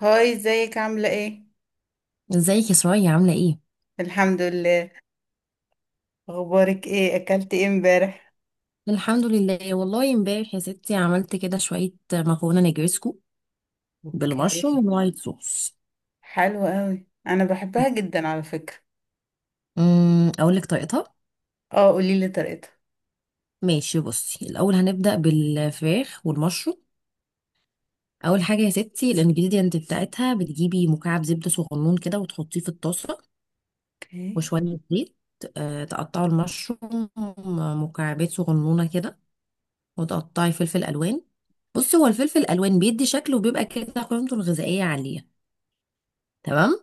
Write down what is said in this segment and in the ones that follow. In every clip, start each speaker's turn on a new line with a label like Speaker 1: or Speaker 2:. Speaker 1: هاي، ازيك عاملة ايه؟
Speaker 2: ازيك يا سرايا عاملة ايه؟
Speaker 1: الحمد لله. اخبارك ايه؟ اكلت ايه امبارح؟
Speaker 2: الحمد لله. والله امبارح يا ستي عملت كده شوية مكرونة نجرسكو
Speaker 1: اوكي.
Speaker 2: بالمشروم والوايت صوص.
Speaker 1: حلو قوي، انا بحبها جدا على فكرة.
Speaker 2: اقول لك طريقتها.
Speaker 1: اه، قوليلي طريقتها.
Speaker 2: ماشي، بصي الاول هنبدأ بالفراخ والمشروم. اول حاجة يا ستي الانجريدينت بتاعتها، بتجيبي مكعب زبدة صغنون كده وتحطيه في الطاسة
Speaker 1: اوكي،
Speaker 2: وشوية زيت. تقطعوا المشروم مكعبات صغنونة كده، وتقطعي فلفل الوان. بصي هو الفلفل الالوان بيدي شكل وبيبقى كده قيمته الغذائية عالية. تمام.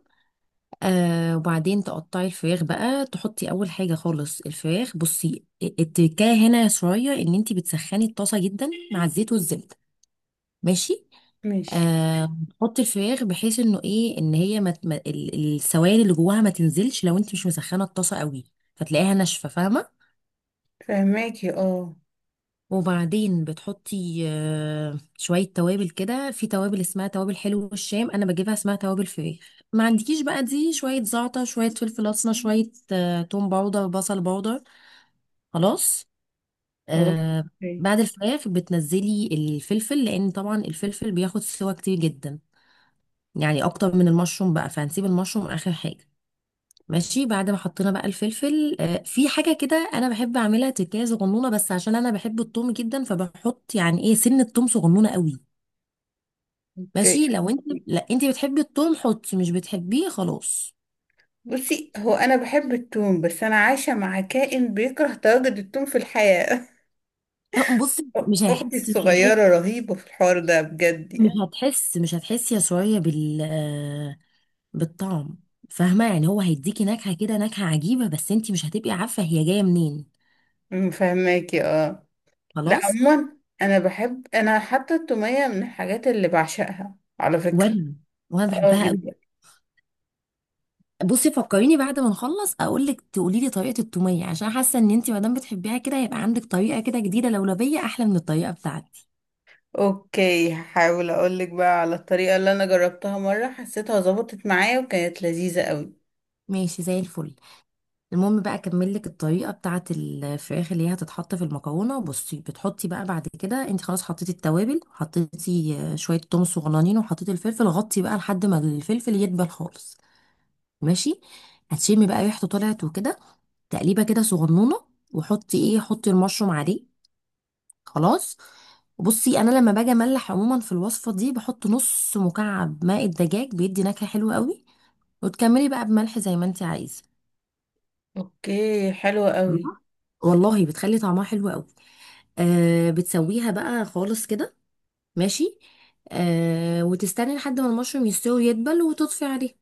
Speaker 2: وبعدين تقطعي الفراخ بقى، تحطي اول حاجه خالص الفراخ. بصي التكايه هنا شويه ان انت بتسخني الطاسه جدا مع الزيت والزبده. ماشي.
Speaker 1: ماشي.
Speaker 2: تحطي الفراخ، بحيث انه ايه، ان هي ما ت- ما- ال- السوائل اللي جواها ما تنزلش لو انت مش مسخنه الطاسه قوي، فتلاقيها ناشفه، فاهمه.
Speaker 1: فهماكي، اه.
Speaker 2: وبعدين بتحطي شوية توابل كده، في توابل اسمها توابل حلو الشام أنا بجيبها، اسمها توابل فراخ. ما عندكيش بقى، دي شوية زعتر، شوية فلفل أسمر، شوية توم باودر، بصل باودر. خلاص.
Speaker 1: خلاص.
Speaker 2: آه.
Speaker 1: اوكي.
Speaker 2: بعد الفراخ بتنزلي الفلفل، لأن طبعا الفلفل بياخد سوا كتير جدا، يعني أكتر من المشروم بقى، فهنسيب المشروم آخر حاجة. ماشي. بعد ما حطينا بقى الفلفل، في حاجة كده أنا بحب أعملها، تكاية صغنونة بس، عشان أنا بحب التوم جدا فبحط يعني إيه سن التوم صغنونة قوي.
Speaker 1: اوكي.
Speaker 2: ماشي. لو أنت لا، أنت بتحبي التوم حطي، مش بتحبيه خلاص.
Speaker 1: بصي، هو انا بحب التوم، بس انا عايشة مع كائن بيكره تواجد التوم في الحياة.
Speaker 2: بصي مش هيحس،
Speaker 1: اختي
Speaker 2: مش هيحس.
Speaker 1: الصغيرة رهيبة في الحوار ده، بجد يعني.
Speaker 2: مش هتحسي يا سوريا بالطعم. فاهمة؟ يعني هو هيديكي نكهة كده، نكهة عجيبة، بس أنت مش هتبقي عارفة هي جاية منين.
Speaker 1: فهماكي، اه. لا،
Speaker 2: خلاص.
Speaker 1: عموما انا بحب، انا حتى التومية من الحاجات اللي بعشقها على فكرة.
Speaker 2: وأنا وأنا
Speaker 1: اه،
Speaker 2: بحبها.
Speaker 1: جدا.
Speaker 2: بصي فكريني بعد ما نخلص اقول لك، تقولي لي طريقه التوميه، عشان حاسه ان انت ما دام بتحبيها كده هيبقى عندك طريقه كده جديده لولبيه احلى من الطريقه بتاعتي.
Speaker 1: اوكي، هحاول اقولك بقى على الطريقة اللي انا جربتها مرة، حسيتها ظبطت معايا وكانت لذيذة قوي.
Speaker 2: ماشي زي الفل. المهم بقى اكمل لك الطريقه بتاعه الفراخ اللي هي هتتحط في المكرونه. بصي بتحطي بقى بعد كده، انت خلاص حطيتي التوابل، حطيتي شويه توم صغننين، وحطيتي الفلفل، غطي بقى لحد ما الفلفل يدبل خالص. ماشي. هتشمي بقى ريحته طلعت وكده، تقليبه كده صغنونه، وحطي ايه حطي المشروم عليه. خلاص. بصي انا لما باجي املح عموما في الوصفه دي، بحط نص مكعب ماء الدجاج، بيدي نكهه حلوه قوي، وتكملي بقى بملح زي ما انت عايزه.
Speaker 1: اوكي، حلوة قوي.
Speaker 2: تمام؟ والله بتخلي طعمها حلو قوي. بتسويها بقى خالص كده. ماشي. وتستني لحد ما المشروم يستوي ويدبل، وتطفي عليه.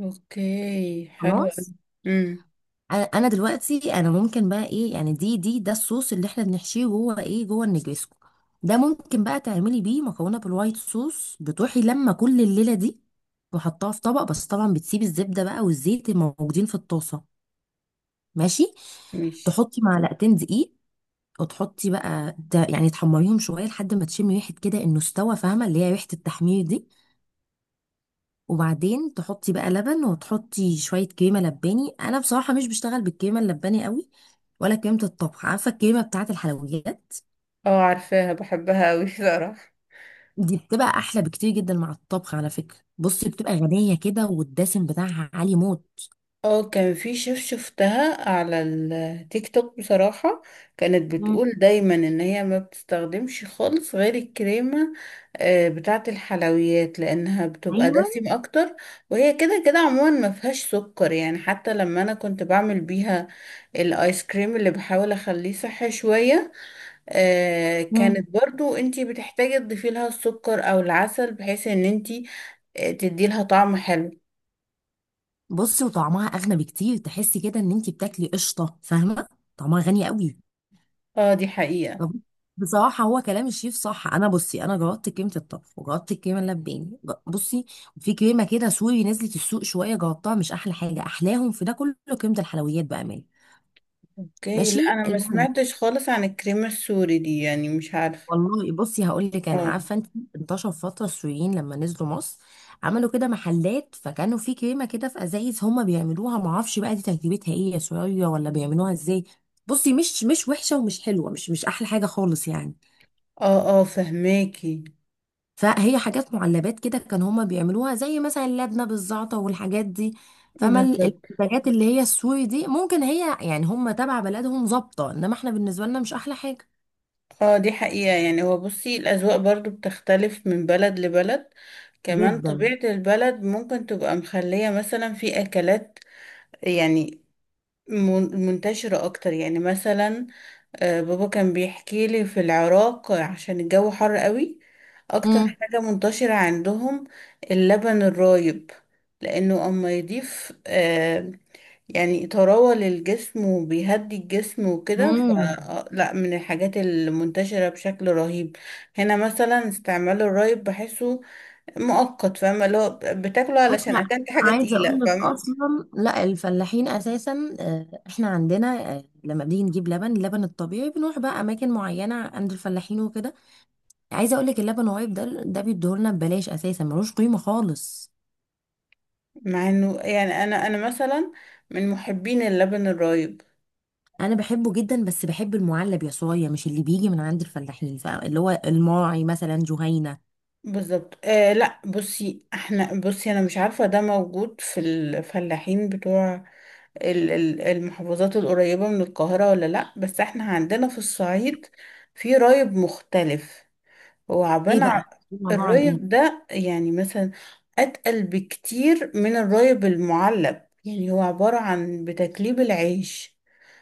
Speaker 1: اوكي، حلوة قوي.
Speaker 2: خلاص.
Speaker 1: امم.
Speaker 2: انا دلوقتي انا ممكن بقى ايه، يعني دي دي ده الصوص اللي احنا بنحشيه جوه النجريسكو. ده ممكن بقى تعملي بيه مكرونه بالوايت صوص. بتروحي لما كل الليله دي وحطها في طبق، بس طبعا بتسيبي الزبده بقى والزيت الموجودين في الطاسه. ماشي.
Speaker 1: ماشي.
Speaker 2: تحطي معلقتين دقيق، وتحطي بقى ده يعني، تحمريهم شويه لحد ما تشمي ريحه كده انه استوى، فاهمه اللي هي ريحه التحمير دي. وبعدين تحطي بقى لبن، وتحطي شوية كريمة لباني. أنا بصراحة مش بشتغل بالكريمة اللباني قوي، ولا كريمة الطبخ، عارفة الكريمة بتاعة الحلويات؟
Speaker 1: اه، عارفاها، بحبها قوي بصراحة.
Speaker 2: دي بتبقى أحلى بكتير جدا مع الطبخ على فكرة. بصي بتبقى غنية كده، والدسم بتاعها عالي موت.
Speaker 1: اه، كان في شيف شفتها على التيك توك بصراحة. كانت
Speaker 2: مم.
Speaker 1: بتقول دايما ان هي ما بتستخدمش خالص غير الكريمة بتاعة الحلويات، لانها بتبقى
Speaker 2: ايوه.
Speaker 1: دسم اكتر. وهي كده كده عموما ما فيهاش سكر يعني، حتى لما انا كنت بعمل بيها الايس كريم اللي بحاول اخليه صحي شوية،
Speaker 2: مم.
Speaker 1: كانت برضو انتي بتحتاجي تضيفي لها السكر او العسل بحيث ان انتي تدي لها طعم حلو.
Speaker 2: بصي وطعمها أغنى بكتير، تحسي كده إن أنتي بتاكلي قشطة، فاهمة؟ طعمها غني قوي.
Speaker 1: اه، دي حقيقة.
Speaker 2: طب، بصراحة هو كلام الشيف صح. أنا بصي أنا جربت كريمة الطبخ، وجربت الكريمة اللباني بصي. في كريمة كده سوري نزلت السوق شوية جربتها، مش أحلى حاجة. أحلاهم في ده كله كريمة الحلويات بأمان.
Speaker 1: اوكي. لا،
Speaker 2: ماشي
Speaker 1: انا ما
Speaker 2: المهم.
Speaker 1: سمعتش خالص عن الكريمة السوري دي يعني، مش عارفة.
Speaker 2: والله بصي هقول لك، أنا
Speaker 1: اه،
Speaker 2: عارفة أنت، انتشر فترة السوريين لما نزلوا مصر، عملوا كده محلات، فكانوا في كريمة كده في أزايز هما بيعملوها، معرفش بقى دي تركيبتها إيه يا سورية، ولا بيعملوها إزاي. بصي مش وحشة ومش حلوة، مش أحلى حاجة خالص يعني.
Speaker 1: اه، اه، فهماكي.
Speaker 2: فهي حاجات معلبات كده كان هما بيعملوها، زي مثلا اللبنة بالزعتر والحاجات دي. فما ال-
Speaker 1: بالظبط.
Speaker 2: المنتجات اللي هي السوري دي ممكن هي يعني هما تبع بلدهم ظابطة، انما احنا بالنسبة لنا مش احلى حاجة.
Speaker 1: اه، دي حقيقة. يعني هو بصي الأذواق برضو بتختلف من بلد لبلد. كمان
Speaker 2: جدا.
Speaker 1: طبيعة البلد ممكن تبقى مخلية مثلا في أكلات، يعني منتشرة أكتر يعني، مثلا بابا كان بيحكي لي في العراق عشان الجو حر قوي، اكتر
Speaker 2: امم.
Speaker 1: حاجة منتشرة عندهم اللبن الرايب، لانه اما يضيف يعني طراوة للجسم وبيهدي الجسم وكده.
Speaker 2: امم.
Speaker 1: فلا، من الحاجات المنتشرة بشكل رهيب هنا مثلا استعمال الرايب، بحسه مؤقت، فاهمة؟ اللي هو بتاكله
Speaker 2: بص،
Speaker 1: علشان
Speaker 2: لا،
Speaker 1: اكلت حاجة
Speaker 2: عايزه اقول
Speaker 1: تقيلة،
Speaker 2: لك
Speaker 1: فاهمة؟
Speaker 2: اصلا، لا الفلاحين اساسا، احنا عندنا لما بنيجي نجيب اللبن الطبيعي، بنروح بقى اماكن معينه عند الفلاحين وكده. عايزه اقول لك اللبن الرايب ده بيديهولنا ببلاش اساسا، ملوش قيمه خالص.
Speaker 1: مع انه يعني انا مثلا من محبين اللبن الرايب.
Speaker 2: انا بحبه جدا، بس بحب المعلب يا صويا، مش اللي بيجي من عند الفلاحين، اللي هو الماعي مثلا جهينة.
Speaker 1: بالظبط، آه. لا، بصي احنا بصي انا مش عارفة ده موجود في الفلاحين بتوع المحافظات القريبة من القاهرة ولا لا، بس احنا عندنا في الصعيد في رايب مختلف. هو
Speaker 2: ايه
Speaker 1: عبارة عن.
Speaker 2: بقى؟ طبعا ايه.
Speaker 1: الرايب ده يعني مثلا اتقل بكتير من الرايب المعلب، يعني هو عبارة عن بتكليب العيش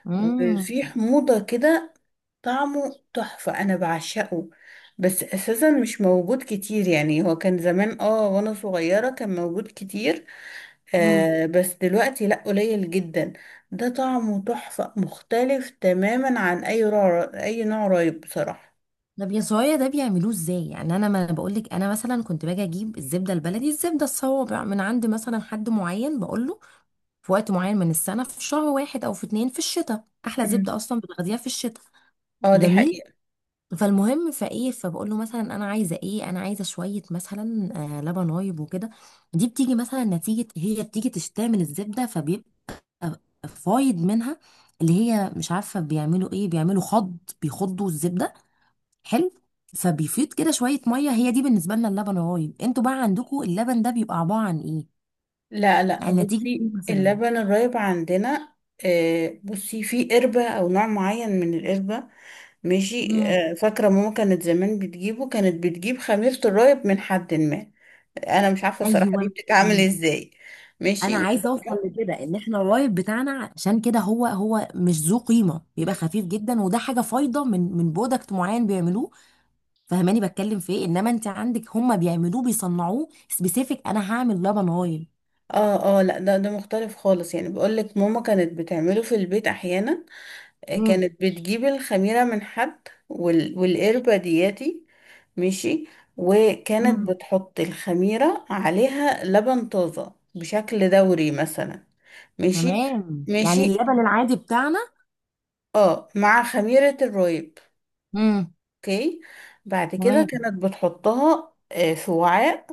Speaker 2: امم.
Speaker 1: وفي حموضة كده. طعمه تحفة، أنا بعشقه، بس أساسا مش موجود كتير. يعني هو كان زمان، اه وأنا صغيرة كان موجود كتير.
Speaker 2: امم.
Speaker 1: آه بس دلوقتي لأ، قليل جدا. ده طعمه تحفة، مختلف تماما عن أي نوع، أي نوع رايب بصراحة.
Speaker 2: طب يا صويا، ده بيعملوه ازاي؟ يعني انا ما بقول لك، انا مثلا كنت باجي اجيب الزبده البلدي، الزبده الصوابع، من عند مثلا حد معين، بقول له في وقت معين من السنه، في شهر واحد او في اتنين، في الشتاء، احلى
Speaker 1: مم.
Speaker 2: زبده اصلا بتاخديها في الشتاء.
Speaker 1: اه، دي
Speaker 2: جميل.
Speaker 1: حقيقة.
Speaker 2: فالمهم فايه، فبقول له مثلا انا عايزه شويه مثلا، لبن رايب وكده. دي بتيجي مثلا نتيجه، هي بتيجي تشتري من الزبده فبيبقى فايض منها، اللي هي مش عارفه بيعملوا ايه، بيعملوا خض، بيخضوا الزبده. حلو. فبيفيض كده شويه ميه، هي دي بالنسبه لنا اللبن الرايب. انتوا بقى عندكم اللبن ده بيبقى عباره عن ايه؟
Speaker 1: لا، لا،
Speaker 2: يعني نتيجه
Speaker 1: بصي
Speaker 2: ايه مثلا؟
Speaker 1: اللبن الرايب عندنا، آه، بصي في قربة أو نوع معين من القربة. ماشي.
Speaker 2: امم.
Speaker 1: آه، فاكرة ماما كانت زمان بتجيبه، كانت بتجيب خميرة الرايب من حد ما. انا مش عارفه الصراحه
Speaker 2: ايوه.
Speaker 1: دي بتتعمل ازاي.
Speaker 2: انا
Speaker 1: ماشي.
Speaker 2: عايزه اوصل لكده، ان احنا الرايب بتاعنا عشان كده هو مش ذو قيمه، بيبقى خفيف جدا، وده حاجه فايضه من برودكت معين بيعملوه. فهماني بتكلم في ايه؟ انما انت عندك هم بيعملوه، بيصنعوه سبيسيفيك، انا هعمل لبن رايب.
Speaker 1: اه، اه. لا، ده مختلف خالص، يعني بقول لك ماما كانت بتعمله في البيت احيانا.
Speaker 2: مم.
Speaker 1: كانت بتجيب الخميره من حد والقربه دياتي. ماشي. وكانت
Speaker 2: مم.
Speaker 1: بتحط الخميره عليها لبن طازه بشكل دوري مثلا. ماشي.
Speaker 2: تمام، يعني
Speaker 1: ماشي.
Speaker 2: اللبن العادي بتاعنا.
Speaker 1: اه، مع خميره الرايب.
Speaker 2: امم.
Speaker 1: اوكي. بعد كده
Speaker 2: تمام.
Speaker 1: كانت بتحطها في وعاء.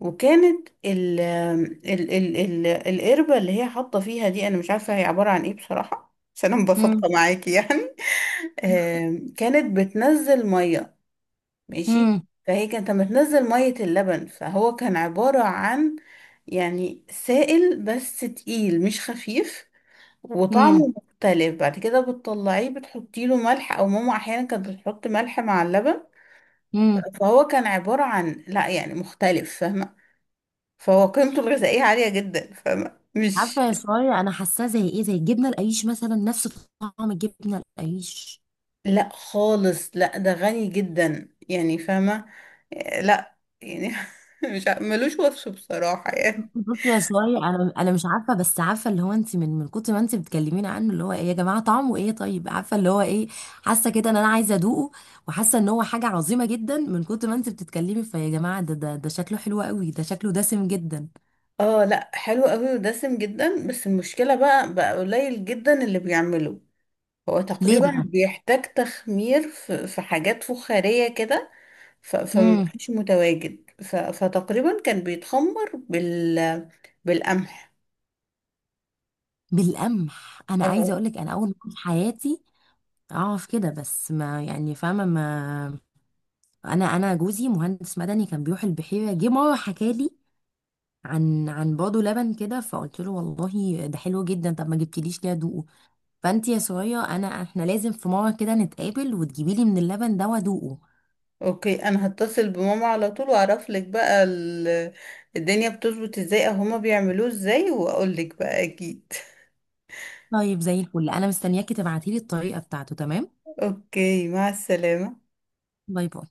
Speaker 1: وكانت ال ال ال ال القربة اللي هي حاطة فيها دي، انا مش عارفة هي عبارة عن ايه بصراحة، عشان انا مبسطة
Speaker 2: امم.
Speaker 1: معاكي يعني. كانت بتنزل مية. ماشي.
Speaker 2: امم.
Speaker 1: فهي كانت بتنزل مية اللبن، فهو كان عبارة عن يعني سائل بس تقيل، مش خفيف،
Speaker 2: امم.
Speaker 1: وطعمه مختلف. بعد كده بتطلعيه، بتحطي له ملح، او ماما احيانا كانت بتحط ملح مع اللبن.
Speaker 2: امم.
Speaker 1: فهو كان عبارة عن، لا يعني، مختلف، فاهمة؟ فهو قيمته الغذائية عالية جدا، فاهمة؟ مش.
Speaker 2: عارفه يا شويه، انا حاساه زي الجبنه القريش مثلا، نفس طعم الجبنه القريش.
Speaker 1: لا، خالص لا، ده غني جدا يعني، فاهمة؟ آه، لا يعني. مش ع- ملوش وصف بصراحة يعني.
Speaker 2: بصي يا سوري، انا مش عارفه، بس عارفه اللي هو انت من كتر ما انت بتكلميني عنه اللي هو ايه يا جماعه، طعمه ايه، طيب، عارفه اللي هو ايه. حاسه كده ان انا عايزه ادوقه. وحاسه ان هو حاجه عظيمه جدا، من كتر ما انت بتتكلمي، فيا جماعه ده شكله حلو قوي، ده شكله دسم جدا.
Speaker 1: اه. لا، حلو قوي ودسم جدا، بس المشكلة بقى قليل جدا اللي بيعمله. هو
Speaker 2: ليه
Speaker 1: تقريبا
Speaker 2: بقى؟
Speaker 1: بيحتاج تخمير في حاجات فخارية كده.
Speaker 2: امم.
Speaker 1: فمبقاش متواجد. فتقريبا كان بيتخمر بالقمح.
Speaker 2: بالقمح. انا عايزه
Speaker 1: اه.
Speaker 2: اقول لك، انا اول مره في حياتي اعرف كده، بس ما يعني فاهمه ما. انا جوزي مهندس مدني كان بيروح البحيره، جه مره حكالي عن بيض لبن كده، فقلت له والله ده حلو جدا، طب ما جبتليش ليه ادوقه؟ فانت يا سوريا احنا لازم في مره كده نتقابل، وتجيبي لي من اللبن ده وادوقه.
Speaker 1: اوكي، انا هتصل بماما على طول واعرف لك بقى الدنيا بتظبط ازاي او هما بيعملوه ازاي، واقول لك بقى اكيد.
Speaker 2: طيب زي الفل، انا مستنياكي تبعتي لي الطريقه بتاعته، تمام؟
Speaker 1: اوكي، مع السلامة.
Speaker 2: باي باي.